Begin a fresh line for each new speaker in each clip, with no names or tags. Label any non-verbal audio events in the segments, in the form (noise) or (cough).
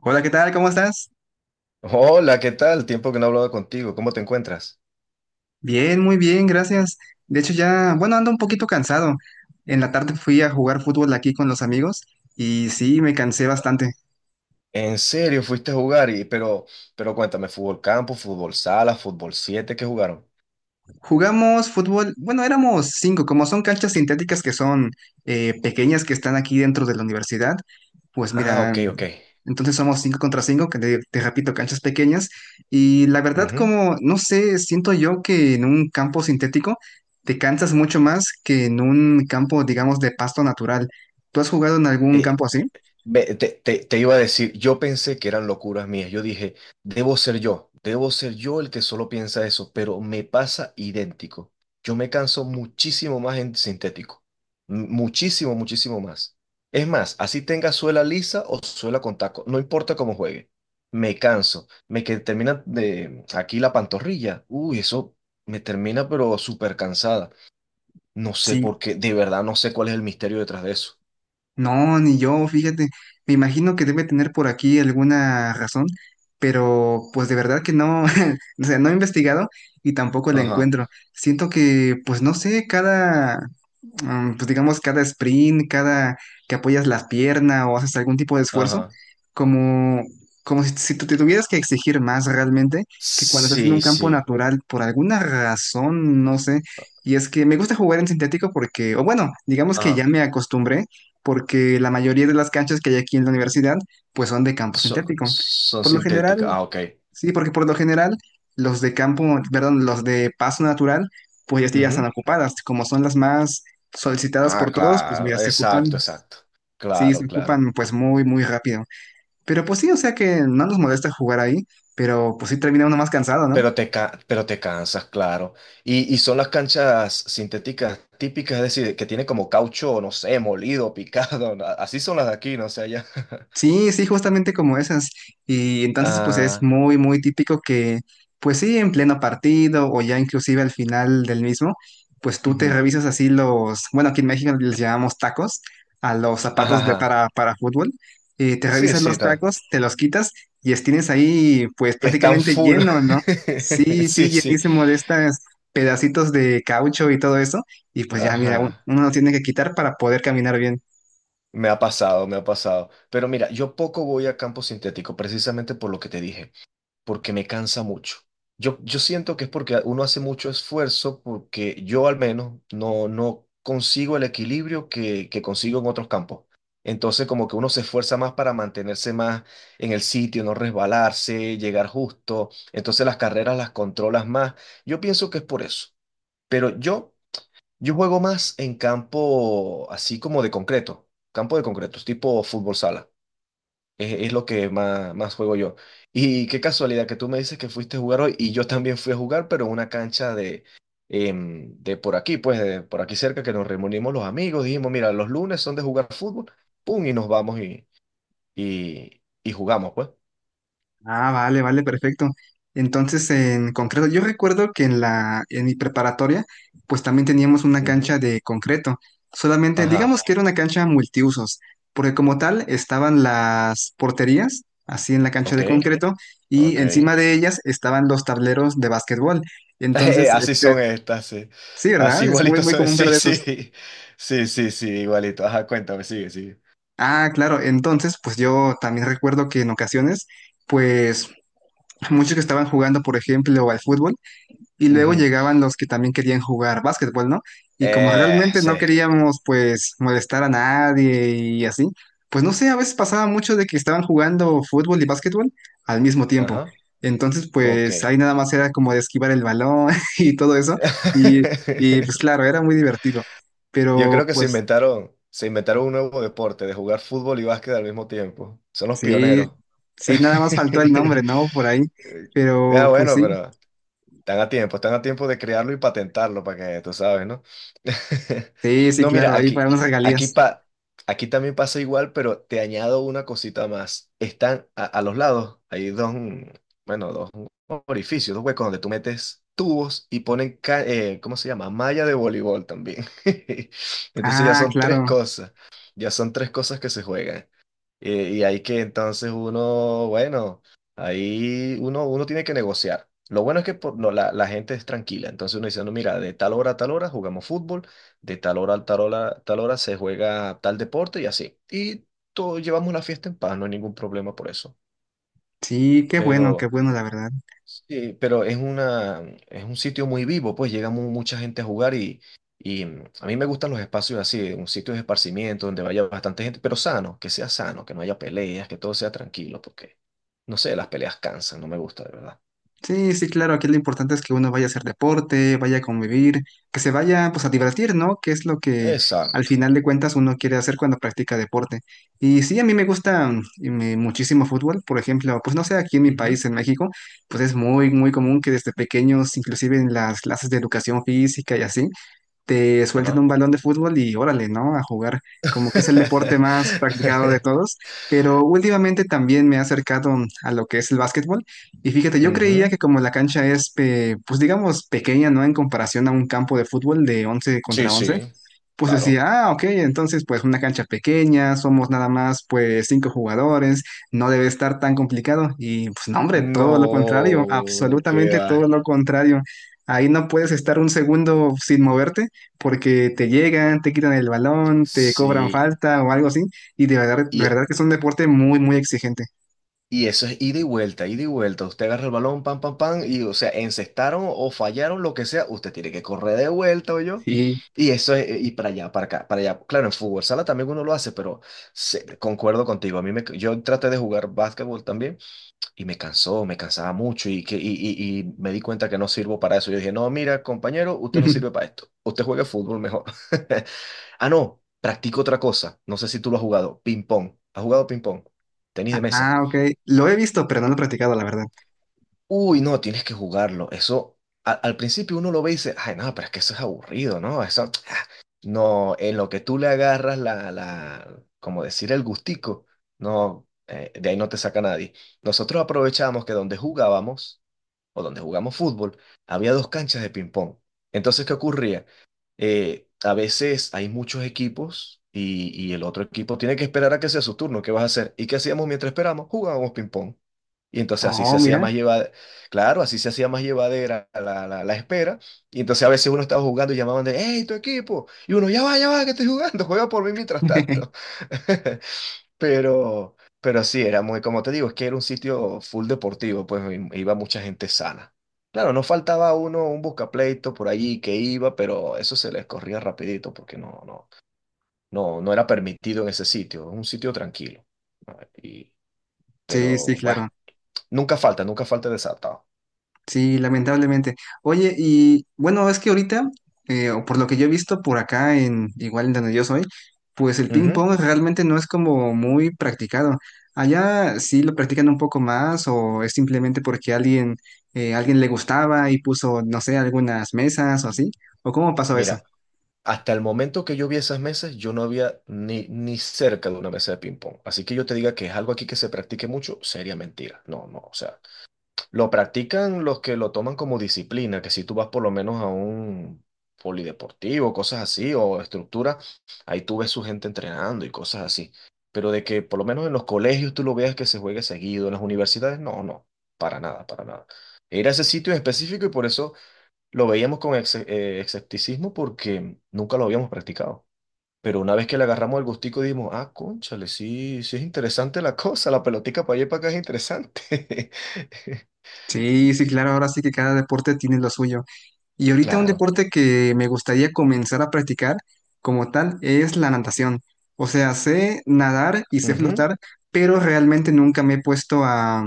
Hola, ¿qué tal? ¿Cómo estás?
Hola, ¿qué tal? Tiempo que no hablaba contigo. ¿Cómo te encuentras?
Bien, muy bien, gracias. De hecho, ya, bueno, ando un poquito cansado. En la tarde fui a jugar fútbol aquí con los amigos y sí, me cansé bastante.
¿En serio fuiste a jugar? Pero cuéntame, ¿fútbol campo, fútbol sala, fútbol siete? ¿Qué jugaron?
Jugamos fútbol, bueno, éramos 5, como son canchas sintéticas que son pequeñas, que están aquí dentro de la universidad. Pues
Ah,
mira,
ok, ok.
entonces somos 5 contra 5, que te repito, canchas pequeñas, y la verdad,
Ujú.
como, no sé, siento yo que en un campo sintético te cansas mucho más que en un campo, digamos, de pasto natural. ¿Tú has jugado en algún
Eh,
campo así?
te iba a decir, yo pensé que eran locuras mías. Yo dije, debo ser yo el que solo piensa eso, pero me pasa idéntico. Yo me canso muchísimo más en sintético. Muchísimo, muchísimo más. Es más, así tenga suela lisa o suela con taco, no importa cómo juegue. Me canso. Me que termina de aquí la pantorrilla. Uy, eso me termina, pero súper cansada. No sé
Sí.
por qué, de verdad no sé cuál es el misterio detrás de eso.
No, ni yo, fíjate, me imagino que debe tener por aquí alguna razón, pero pues de verdad que no, (laughs) o sea, no he investigado y tampoco la
Ajá,
encuentro. Siento que, pues no sé, cada, pues digamos, cada sprint, cada que apoyas las piernas o haces algún tipo de esfuerzo,
ajá.
como, como si tú te tuvieras que exigir más realmente que cuando estás en un
Sí,
campo
sí.
natural, por alguna razón, no sé. Y es que me gusta jugar en sintético porque, o bueno, digamos que
Ah,
ya me acostumbré porque la mayoría de las canchas que hay aquí en la universidad pues son de campo
so-
sintético.
son
Por lo general,
sintéticas. Ah, ok.
sí, porque por lo general los de campo, perdón, los de paso natural, pues ya están
Ujú.
ocupadas, como son las más solicitadas
Ah,
por todos, pues
claro.
mira, se
Exacto,
ocupan,
exacto.
sí,
Claro,
se
claro.
ocupan pues muy, muy rápido. Pero pues sí, o sea, que no nos molesta jugar ahí, pero pues sí termina uno más cansado, ¿no?
Pero te cansas, claro. Y son las canchas sintéticas típicas, es decir, que tienen como caucho, no sé, molido, (laughs) picado. Así son las de aquí, no sé, allá. (laughs)
Sí, sí, justamente como esas. Y entonces, pues es
Ah,
muy, muy típico que, pues sí, en pleno partido o ya inclusive al final del mismo, pues tú te
ujú.
revisas así los, bueno, aquí en México les llamamos tacos a los
Ajá,
zapatos de
ajá.
para fútbol. Y te
Sí,
revisas
sí,
los
ta-
tacos, te los quitas y tienes ahí pues
Están
prácticamente
full.
lleno, ¿no?
(laughs)
Sí,
Sí,
sí,
sí.
llenísimo de estas pedacitos de caucho y todo eso. Y pues ya, mira,
Ajá.
uno lo tiene que quitar para poder caminar bien.
Me ha pasado, me ha pasado. Pero mira, yo poco voy a campo sintético, precisamente por lo que te dije, porque me cansa mucho. Yo siento que es porque uno hace mucho esfuerzo, porque yo al menos no consigo el equilibrio que consigo en otros campos. Entonces, como que uno se esfuerza más para mantenerse más en el sitio, no resbalarse, llegar justo. Entonces, las carreras las controlas más. Yo pienso que es por eso. Pero yo juego más en campo así como de concreto, campo de concreto, tipo fútbol sala. Es lo que más, más juego yo. Y qué casualidad que tú me dices que fuiste a jugar hoy y yo también fui a jugar, pero en una cancha de, de por aquí, pues de por aquí cerca, que nos reunimos los amigos, dijimos, mira, los lunes son de jugar fútbol, pum, y nos vamos y jugamos, pues.
Ah, vale, vale, perfecto. Entonces, en concreto, yo recuerdo que en en mi preparatoria, pues también teníamos una
Ujú.
cancha de concreto. Solamente,
Ajá,
digamos que era una cancha multiusos, porque como tal estaban las porterías así en la cancha
ok,
de concreto, y
ok.
encima de ellas estaban los tableros de básquetbol. Entonces,
Así
este,
son estas, sí.
sí,
Así
¿verdad? Es muy,
igualitos
muy
son. (laughs)
común
Sí,
ver de esos.
sí. Sí, sí, sí, igualito. Ajá, cuéntame, sigue, sigue.
Ah, claro. Entonces, pues yo también recuerdo que en ocasiones, pues muchos que estaban jugando, por ejemplo, al fútbol, y luego
Ujú.
llegaban los que también querían jugar básquetbol, ¿no? Y como realmente no
Sí.
queríamos, pues, molestar a nadie y así, pues no sé, a veces pasaba mucho de que estaban jugando fútbol y básquetbol al mismo tiempo.
Ajá.
Entonces
Ok.
pues ahí nada más era como de esquivar el balón (laughs) y todo eso. Y, y pues claro,
(laughs)
era muy divertido.
Yo
Pero
creo que se
pues
inventaron, se inventaron un nuevo deporte de jugar fútbol y básquet al mismo tiempo. Son los
sí,
pioneros.
sí, nada más faltó
(laughs)
el nombre, ¿no? Por ahí.
Ah,
Pero pues
bueno,
sí,
pero están a tiempo de crearlo y patentarlo para que tú sabes, ¿no? (laughs)
sí, sí,
No,
claro,
mira,
ahí para unas
aquí,
regalías.
pa, aquí también pasa igual, pero te añado una cosita más. Están a los lados, hay dos, bueno, dos orificios, dos huecos donde tú metes tubos y ponen, ¿cómo se llama? Malla de voleibol también. (laughs) Entonces ya
Ah,
son tres
claro.
cosas, ya son tres cosas que se juegan. Y ahí que entonces uno, bueno, ahí uno tiene que negociar. Lo bueno es que no, la gente es tranquila. Entonces uno dice, no, mira, de tal hora a tal hora jugamos fútbol, de tal hora a tal hora se juega tal deporte y así. Y todos llevamos la fiesta en paz, no hay ningún problema por eso.
Sí, qué
Pero
bueno, la verdad.
sí, pero es una, es un sitio muy vivo, pues llega mucha gente a jugar y a mí me gustan los espacios así, un sitio de esparcimiento donde vaya bastante gente, pero sano, que sea sano, que no haya peleas, que todo sea tranquilo, porque, no sé, las peleas cansan, no me gusta, de verdad.
Sí, sí, claro, aquí lo importante es que uno vaya a hacer deporte, vaya a convivir, que se vaya pues a divertir, ¿no? Que es lo que al
Exacto.
final de cuentas uno quiere hacer cuando practica deporte. Y sí, a mí me gusta y muchísimo fútbol, por ejemplo, pues no sé, aquí en mi
Ujú.
país, en México, pues es muy, muy común que desde pequeños, inclusive en las clases de educación física y así, te suelten
Ajá.
un balón de fútbol y órale, ¿no? A jugar, como que es el deporte más practicado de
(laughs)
todos. Pero últimamente también me he acercado a lo que es el básquetbol y fíjate, yo creía
Ujú.
que como la cancha es, pues digamos, pequeña, ¿no?, en comparación a un campo de fútbol de once
Sí,
contra
sí,
once pues decía,
claro.
ah, ok, entonces pues una cancha pequeña, somos nada más pues 5 jugadores, no debe estar tan complicado. Y pues no, hombre, todo lo contrario,
No, qué
absolutamente todo
va.
lo contrario. Ahí no puedes estar un segundo sin moverte porque te llegan, te quitan el balón, te cobran
Sí,
falta o algo así. Y de verdad, de
y
verdad, que es un deporte muy, muy exigente.
Y eso es ida y vuelta, ida y vuelta. Usted agarra el balón, pam, pam, pam, y o sea, encestaron o fallaron, lo que sea, usted tiene que correr de vuelta, o yo.
Sí.
Y eso es, y para allá, para acá, para allá. Claro, en fútbol sala también uno lo hace, pero concuerdo contigo. A mí me, yo traté de jugar básquetbol también y me cansó, me cansaba mucho y me di cuenta que no sirvo para eso. Yo dije, no, mira, compañero, usted no sirve
(laughs)
para esto. Usted juegue fútbol mejor. (laughs) Ah, no, practico otra cosa. No sé si tú lo has jugado. Ping pong. ¿Has jugado ping pong? Tenis de mesa.
Ah, ok. Lo he visto, pero no lo he practicado, la verdad.
Uy, no, tienes que jugarlo. Eso, al principio uno lo ve y dice, ay, no, pero es que eso es aburrido, ¿no? Eso, (tsk) no, en lo que tú le agarras como decir, el gustico, no, de ahí no te saca nadie. Nosotros aprovechamos que donde jugábamos, o donde jugamos fútbol, había dos canchas de ping-pong. Entonces, ¿qué ocurría? A veces hay muchos equipos y el otro equipo tiene que esperar a que sea su turno. ¿Qué vas a hacer? ¿Y qué hacíamos mientras esperamos? Jugábamos ping-pong. Y entonces así
Oh,
se hacía
mira.
más llevadera, claro, así se hacía más llevadera la espera. Y entonces a veces uno estaba jugando y llamaban de, hey, tu equipo. Y uno, ya va, que estoy jugando, (laughs) juega por mí mientras tanto.
(laughs)
(laughs) Pero, pero sí, era muy, como te digo, es que era un sitio full deportivo, pues iba mucha gente sana. Claro, no faltaba uno, un buscapleito por allí que iba, pero eso se les corría rapidito porque no era permitido en ese sitio, es un sitio tranquilo. Ah, y,
Sí, sí,
pero bueno,
claro.
nunca falta, nunca falta el desatado.
Sí, lamentablemente. Oye, y bueno, es que ahorita, o por lo que yo he visto por acá en, igual en donde yo soy, pues el ping
Ujú.
pong realmente no es como muy practicado. Allá sí lo practican un poco más, o es simplemente porque alguien, alguien le gustaba y puso, no sé, algunas mesas o así. ¿O cómo pasó eso?
Mira, hasta el momento que yo vi esas mesas, yo no había ni cerca de una mesa de ping-pong. Así que yo te diga que es algo aquí que se practique mucho, sería mentira. No, no, o sea. Lo practican los que lo toman como disciplina, que si tú vas por lo menos a un polideportivo, cosas así, o estructura, ahí tú ves su gente entrenando y cosas así. Pero de que por lo menos en los colegios tú lo veas que se juegue seguido, en las universidades, no, no, para nada, para nada. Era ese sitio en específico y por eso lo veíamos con escepticismo porque nunca lo habíamos practicado. Pero una vez que le agarramos el gustico, dijimos, ah, cónchale, sí, sí es interesante la cosa, la pelotica para allá y para acá es interesante. (laughs)
Sí, sí, claro, ahora sí que cada deporte tiene lo suyo. Y ahorita un
Claro.
deporte que me gustaría comenzar a practicar como tal es la natación. O sea, sé nadar y sé
Ujú.
flotar, pero realmente nunca me he puesto a,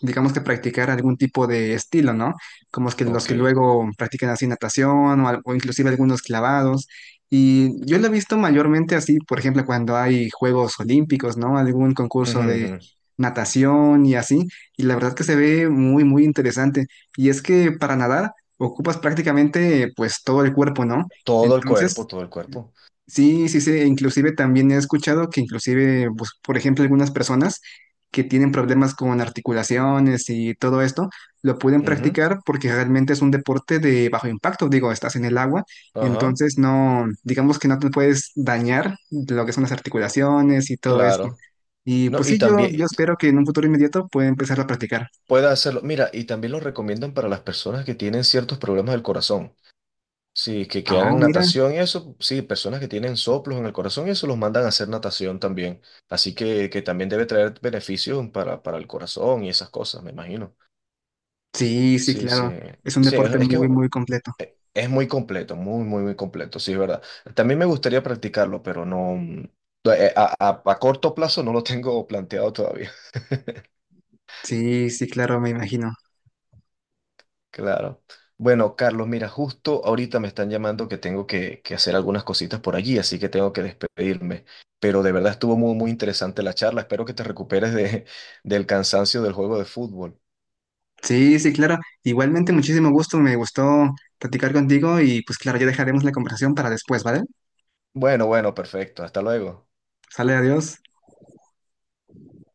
digamos, que practicar algún tipo de estilo, ¿no? Como es que los que
Ok.
luego practican así natación o, o inclusive algunos clavados. Y yo lo he visto mayormente así, por ejemplo, cuando hay Juegos Olímpicos, ¿no? Algún
Ujú,
concurso de
ujú.
natación y así. Y la verdad que se ve muy, muy interesante. Y es que para nadar ocupas prácticamente pues todo el cuerpo, ¿no?
Todo el cuerpo,
Entonces,
todo el cuerpo.
sí, sí, sí, inclusive también he escuchado que inclusive, pues, por ejemplo, algunas personas que tienen problemas con articulaciones y todo esto, lo pueden
Ujú.
practicar porque realmente es un deporte de bajo impacto, digo, estás en el agua,
Ajá.
entonces no, digamos, que no te puedes dañar lo que son las articulaciones y todo esto.
Claro.
Y
No,
pues
y
sí, yo
también
espero que en un futuro inmediato pueda empezar a practicar.
puede hacerlo. Mira, y también lo recomiendan para las personas que tienen ciertos problemas del corazón. Sí, que
Ah,
hagan
mira,
natación y eso. Sí, personas que tienen soplos en el corazón y eso los mandan a hacer natación también. Así que también debe traer beneficios para el corazón y esas cosas, me imagino.
sí, sí,
Sí, sí.
claro, es un
Sí,
deporte
es que
muy, muy completo.
es muy completo, muy, muy, muy completo, sí, es verdad. También me gustaría practicarlo, pero no, a, a corto plazo no lo tengo planteado todavía. (laughs)
Sí, sí, claro, me imagino.
Claro. Bueno, Carlos, mira, justo ahorita me están llamando que tengo que hacer algunas cositas por allí, así que tengo que despedirme. Pero de verdad estuvo muy, muy interesante la charla. Espero que te recuperes de, (laughs) del cansancio del juego de fútbol.
Sí, sí, claro. Igualmente, muchísimo gusto, me gustó platicar contigo y pues claro, ya dejaremos la conversación para después, ¿vale?
Bueno, bueno, perfecto. Hasta luego.
Sale, adiós.